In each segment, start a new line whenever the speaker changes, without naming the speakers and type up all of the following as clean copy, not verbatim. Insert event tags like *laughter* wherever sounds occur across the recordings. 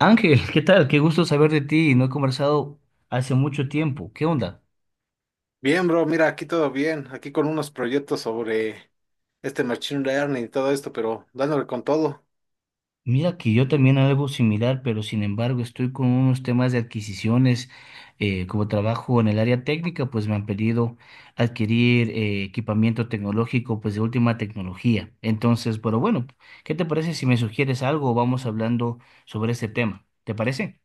Ángel, ¿qué tal? Qué gusto saber de ti. No he conversado hace mucho tiempo. ¿Qué onda?
Bien, bro, mira, aquí todo bien, aquí con unos proyectos sobre machine learning y todo esto, pero dándole con todo.
Mira que yo también algo similar, pero sin embargo estoy con unos temas de adquisiciones. Como trabajo en el área técnica, pues me han pedido adquirir equipamiento tecnológico, pues de última tecnología. Entonces, pero bueno, ¿qué te parece si me sugieres algo vamos hablando sobre este tema? ¿Te parece?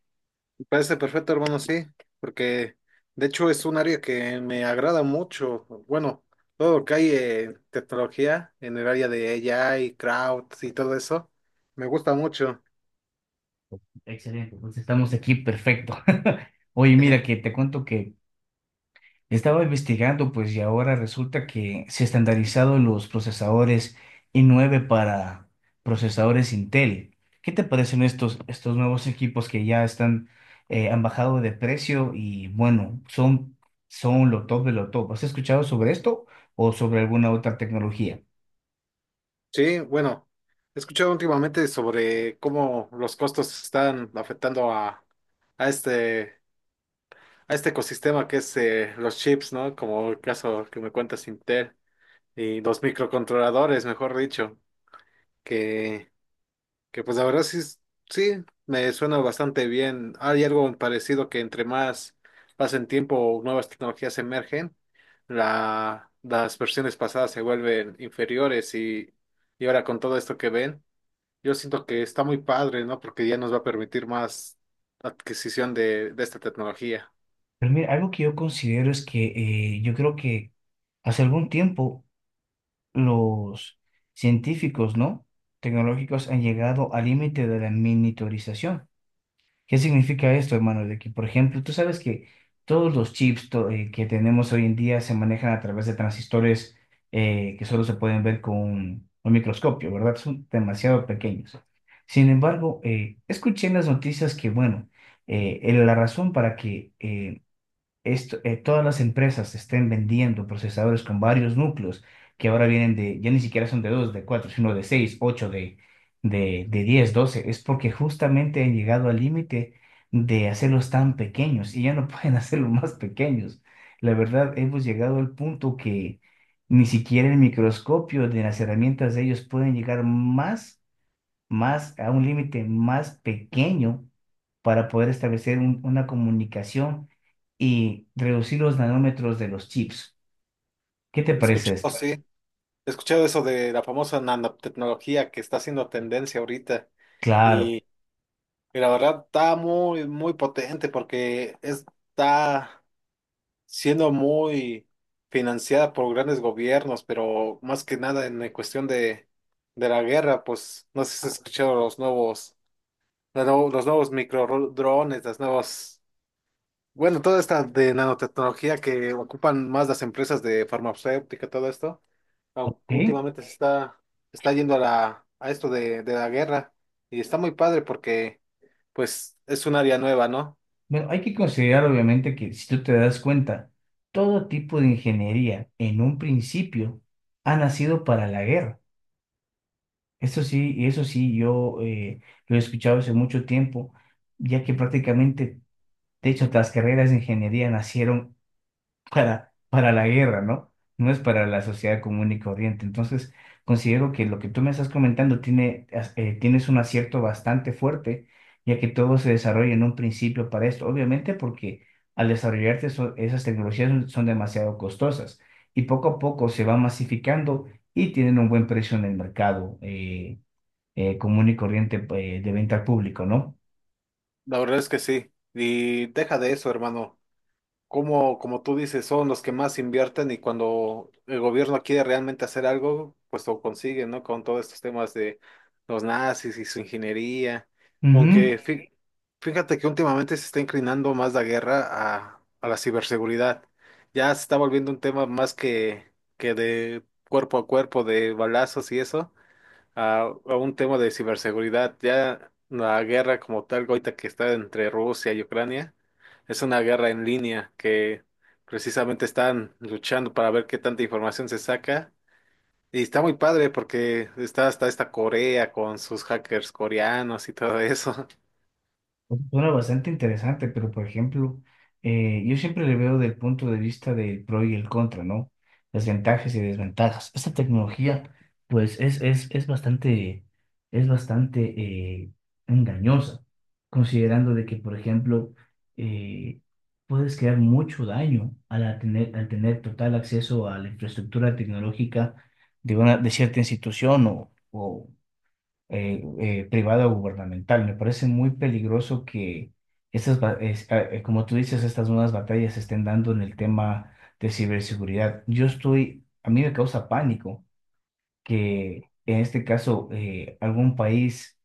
Me parece perfecto, hermano, sí, porque de hecho es un área que me agrada mucho. Bueno, todo lo que hay en tecnología en el área de AI, crowd y todo eso, me gusta mucho.
Excelente, pues estamos aquí, perfecto. *laughs* Oye,
Eh,
mira que te cuento que... Estaba investigando, pues, y ahora resulta que se estandarizaron los procesadores i9 para procesadores Intel. ¿Qué te parecen estos nuevos equipos que ya están, han bajado de precio y, bueno, son lo top de lo top? ¿Has escuchado sobre esto o sobre alguna otra tecnología?
Sí, bueno, he escuchado últimamente sobre cómo los costos están afectando a este. a este ecosistema que es los chips, ¿no? Como el caso que me cuentas Intel y los microcontroladores, mejor dicho, que, que pues la verdad sí, sí, me suena bastante bien. Hay algo parecido que entre más pasen tiempo, nuevas tecnologías emergen, las versiones pasadas se vuelven inferiores y ahora con todo esto que ven, yo siento que está muy padre, ¿no? Porque ya nos va a permitir más adquisición de esta tecnología.
Pero mira, algo que yo considero es que yo creo que hace algún tiempo los científicos, ¿no?, tecnológicos han llegado al límite de la miniaturización. ¿Qué significa esto, hermano? De que, por ejemplo, tú sabes que todos los chips que tenemos hoy en día se manejan a través de transistores que solo se pueden ver con un microscopio, ¿verdad? Son demasiado pequeños. Sin embargo, escuché en las noticias que, bueno, la razón para que esto, todas las empresas estén vendiendo procesadores con varios núcleos que ahora vienen de, ya ni siquiera son de 2 de 4 sino de 6 8 de 10 12 es porque justamente han llegado al límite de hacerlos tan pequeños y ya no *laughs* pueden hacerlos más pequeños. La verdad, hemos llegado al punto que ni siquiera el microscopio de las herramientas de ellos pueden llegar más a un límite más pequeño para poder establecer una comunicación y reducir los nanómetros de los chips. ¿Qué te parece
Escuchado,
esto?
sí. He escuchado eso de la famosa nanotecnología que está haciendo tendencia ahorita
Claro.
y, y la verdad está muy, muy potente porque está siendo muy financiada por grandes gobiernos, pero más que nada en la cuestión de la guerra, pues no sé si has escuchado los nuevos microdrones, las nuevas, bueno, toda esta de nanotecnología que ocupan más las empresas de farmacéutica, todo esto aunque
¿Sí?
últimamente se está yendo a a esto de la guerra y está muy padre porque pues es un área nueva, ¿no?
Bueno, hay que considerar obviamente que si tú te das cuenta, todo tipo de ingeniería en un principio ha nacido para la guerra. Esto sí, y eso sí, yo lo he escuchado hace mucho tiempo, ya que prácticamente, de hecho, las carreras de ingeniería nacieron para la guerra, ¿no? No es para la sociedad común y corriente. Entonces, considero que lo que tú me estás comentando tiene, tienes un acierto bastante fuerte, ya que todo se desarrolla en un principio para esto. Obviamente porque al desarrollarse esas tecnologías son demasiado costosas y poco a poco se va masificando y tienen un buen precio en el mercado común y corriente de venta al público, ¿no?
La verdad es que sí. Y deja de eso, hermano. Como tú dices, son los que más invierten y cuando el gobierno quiere realmente hacer algo, pues lo consiguen, ¿no? Con todos estos temas de los nazis y su ingeniería.
Ujú.
Sí, fíjate que últimamente se está inclinando más la guerra a la ciberseguridad. Ya se está volviendo un tema más que de cuerpo a cuerpo, de balazos y eso, a un tema de ciberseguridad. Ya la guerra como tal, ahorita que está entre Rusia y Ucrania, es una guerra en línea que precisamente están luchando para ver qué tanta información se saca. Y está muy padre porque está hasta esta Corea con sus hackers coreanos y todo eso.
Suena bastante interesante, pero por ejemplo, yo siempre le veo del punto de vista del pro y el contra, ¿no? Las ventajas y desventajas. Esta tecnología, pues, es bastante engañosa, considerando de que, por ejemplo, eh, puedes crear mucho daño al tener total acceso a la infraestructura tecnológica de cierta institución o privada o gubernamental. Me parece muy peligroso que estas, ba- es- ah, como tú dices, estas nuevas batallas se estén dando en el tema de ciberseguridad. A mí me causa pánico que en este caso algún país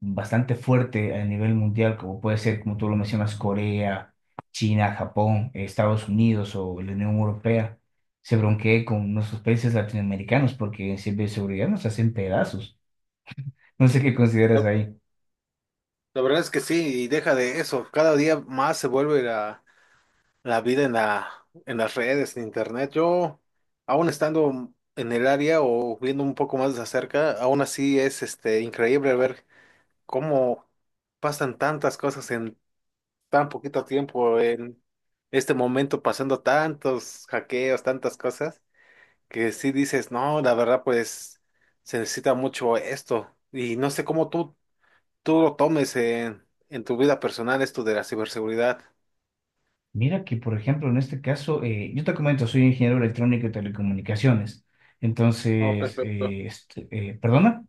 bastante fuerte a nivel mundial, como puede ser, como tú lo mencionas, Corea, China, Japón, Estados Unidos o la Unión Europea, se bronquee con nuestros países latinoamericanos porque en ciberseguridad nos hacen pedazos. No sé qué
*laughs*
consideras
La
ahí.
la verdad es que sí, y deja de eso, cada día más se vuelve la vida en en las redes, en internet. Yo, aún estando en el área o viendo un poco más de cerca, aún así es increíble ver cómo pasan tantas cosas en tan poquito tiempo, en este momento pasando tantos hackeos, tantas cosas, que sí dices, no, la verdad, pues se necesita mucho esto. Y no sé cómo tú lo tomes en tu vida personal, esto de la ciberseguridad.
Mira que, por ejemplo, en este caso, yo te comento, soy ingeniero electrónico y telecomunicaciones.
Oh,
Entonces,
perfecto.
¿perdona?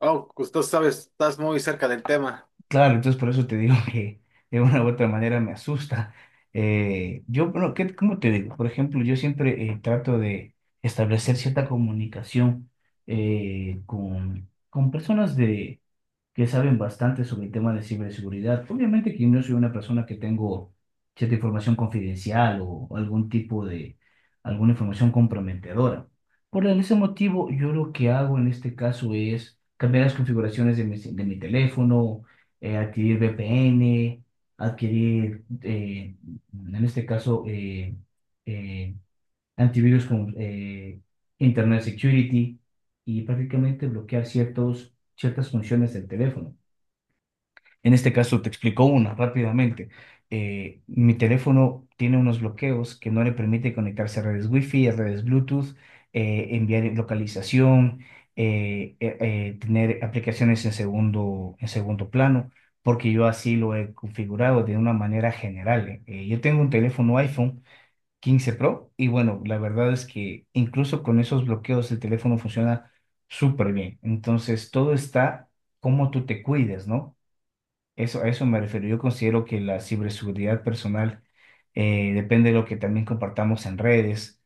Oh, pues tú sabes, estás muy cerca del tema.
Claro, entonces por eso te digo *laughs* que de una u otra manera me asusta. Yo, bueno, ¿cómo te digo? Por ejemplo, yo siempre trato de establecer cierta comunicación con personas de que saben bastante sobre el tema de ciberseguridad. Obviamente que no soy una persona que tengo cierta información confidencial o algún tipo de, alguna información comprometedora. Por ese motivo, yo lo que hago en este caso es cambiar las configuraciones de de mi teléfono, adquirir VPN, adquirir, en este caso, eh, antivirus con Internet Security y prácticamente bloquear ciertas funciones del teléfono. En este caso, te explico una rápidamente. Mi teléfono tiene unos bloqueos que no le permite conectarse a redes Wi-Fi, a redes Bluetooth, enviar localización, tener aplicaciones en segundo plano, porque yo así lo he configurado de una manera general. Yo tengo un teléfono iPhone 15 Pro y bueno, la verdad es que incluso con esos bloqueos el teléfono funciona súper bien. Entonces, todo está como tú te cuides, ¿no? Eso, a eso me refiero. Yo considero que la ciberseguridad personal depende de lo que también compartamos en redes,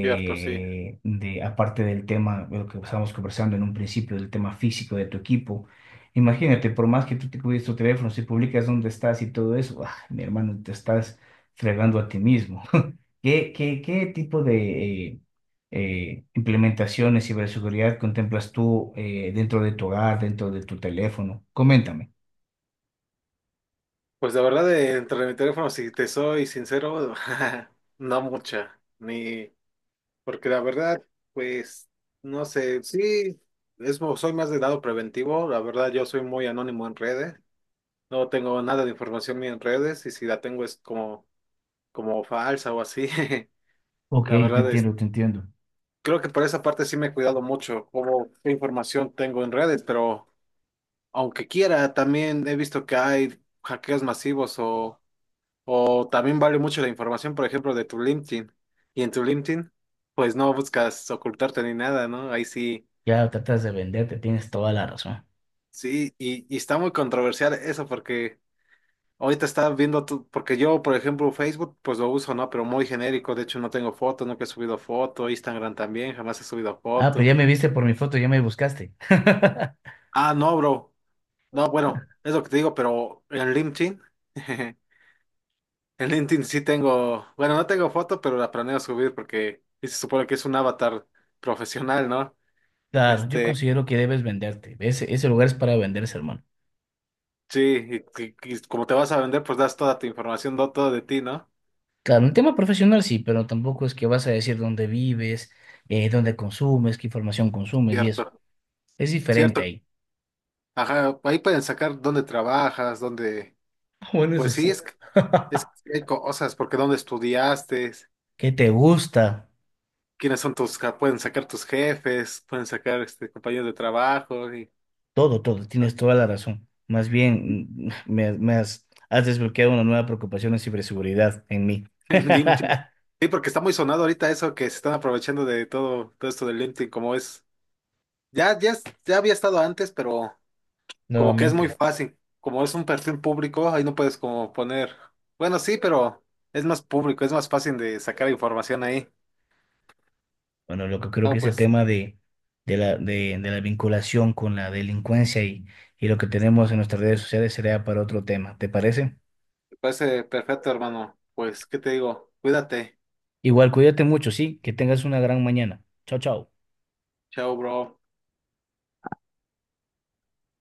Cierto, sí.
de- aparte del tema, de lo que estábamos conversando en un principio, del tema físico de tu equipo. Imagínate, por más que tú te cuides tu teléfono, si publicas dónde estás y todo eso, ah, mi hermano, te estás fregando a ti mismo. *laughs* ¿Qué tipo de implementaciones de ciberseguridad contemplas tú dentro de tu hogar, dentro de tu teléfono? Coméntame.
Pues la verdad, entre mi teléfono, si te soy sincero, *laughs* no mucha, ni, porque la verdad, pues, no sé, sí, es, soy más de lado preventivo, la verdad, yo soy muy anónimo en redes, no tengo nada de información mía en redes, y si la tengo es como, como falsa o así. *laughs*
Ok,
La
te
verdad es,
entiendo, te entiendo.
creo que por esa parte sí me he cuidado mucho, como qué información tengo en redes, pero aunque quiera, también he visto que hay hackeos masivos o también vale mucho la información, por ejemplo, de tu LinkedIn. Y en tu LinkedIn, pues no buscas ocultarte ni nada, ¿no? Ahí sí,
Ya tratas de venderte, tienes toda la razón.
sí, y está muy controversial eso porque ahorita está viendo tú, porque yo, por ejemplo, Facebook, pues lo uso, ¿no? Pero muy genérico, de hecho no tengo foto, nunca he subido foto, Instagram también, jamás he subido
Ah, pero
foto.
ya me viste por mi foto, ya me buscaste. *laughs*
Ah, no, bro. No, bueno, es lo que te digo, pero en LinkedIn. *laughs* En LinkedIn sí tengo, bueno, no tengo foto, pero la planeo subir porque y se supone que es un avatar profesional, ¿no?
Claro, yo
Este,
considero que debes venderte. Ese lugar es para venderse, hermano.
sí, y como te vas a vender, pues das toda tu información, todo de ti, ¿no?
Claro, un tema profesional sí, pero tampoco es que vas a decir dónde vives, dónde consumes, qué información consumes y eso.
Cierto,
Es diferente
cierto.
ahí.
Ajá, ahí pueden sacar dónde trabajas, dónde,
*laughs* Bueno,
pues
eso
sí,
sí. *laughs*
es que hay cosas, porque dónde estudiaste,
¿Qué te gusta?
quiénes son tus, pueden sacar tus jefes, pueden sacar compañeros de trabajo, y
Todo, todo, tienes toda la razón. Más bien, me has, has desbloqueado una nueva preocupación en ciberseguridad en mí.
*laughs* en LinkedIn.
*laughs*
Sí, porque está muy sonado ahorita eso que se están aprovechando de todo, todo esto del LinkedIn, como es. Ya había estado antes, pero como que es muy
Nuevamente.
fácil. Como es un perfil público, ahí no puedes como poner. Bueno, sí, pero es más público, es más fácil de sacar información ahí.
Bueno, lo que creo
No,
que ese
pues,
tema de la vinculación con la delincuencia y lo que tenemos en nuestras redes sociales sería para otro tema, ¿te parece?
me parece perfecto, hermano. Pues, ¿qué te digo? Cuídate.
Igual, cuídate mucho, sí, que tengas una gran mañana. Chao, chao.
Chao, bro.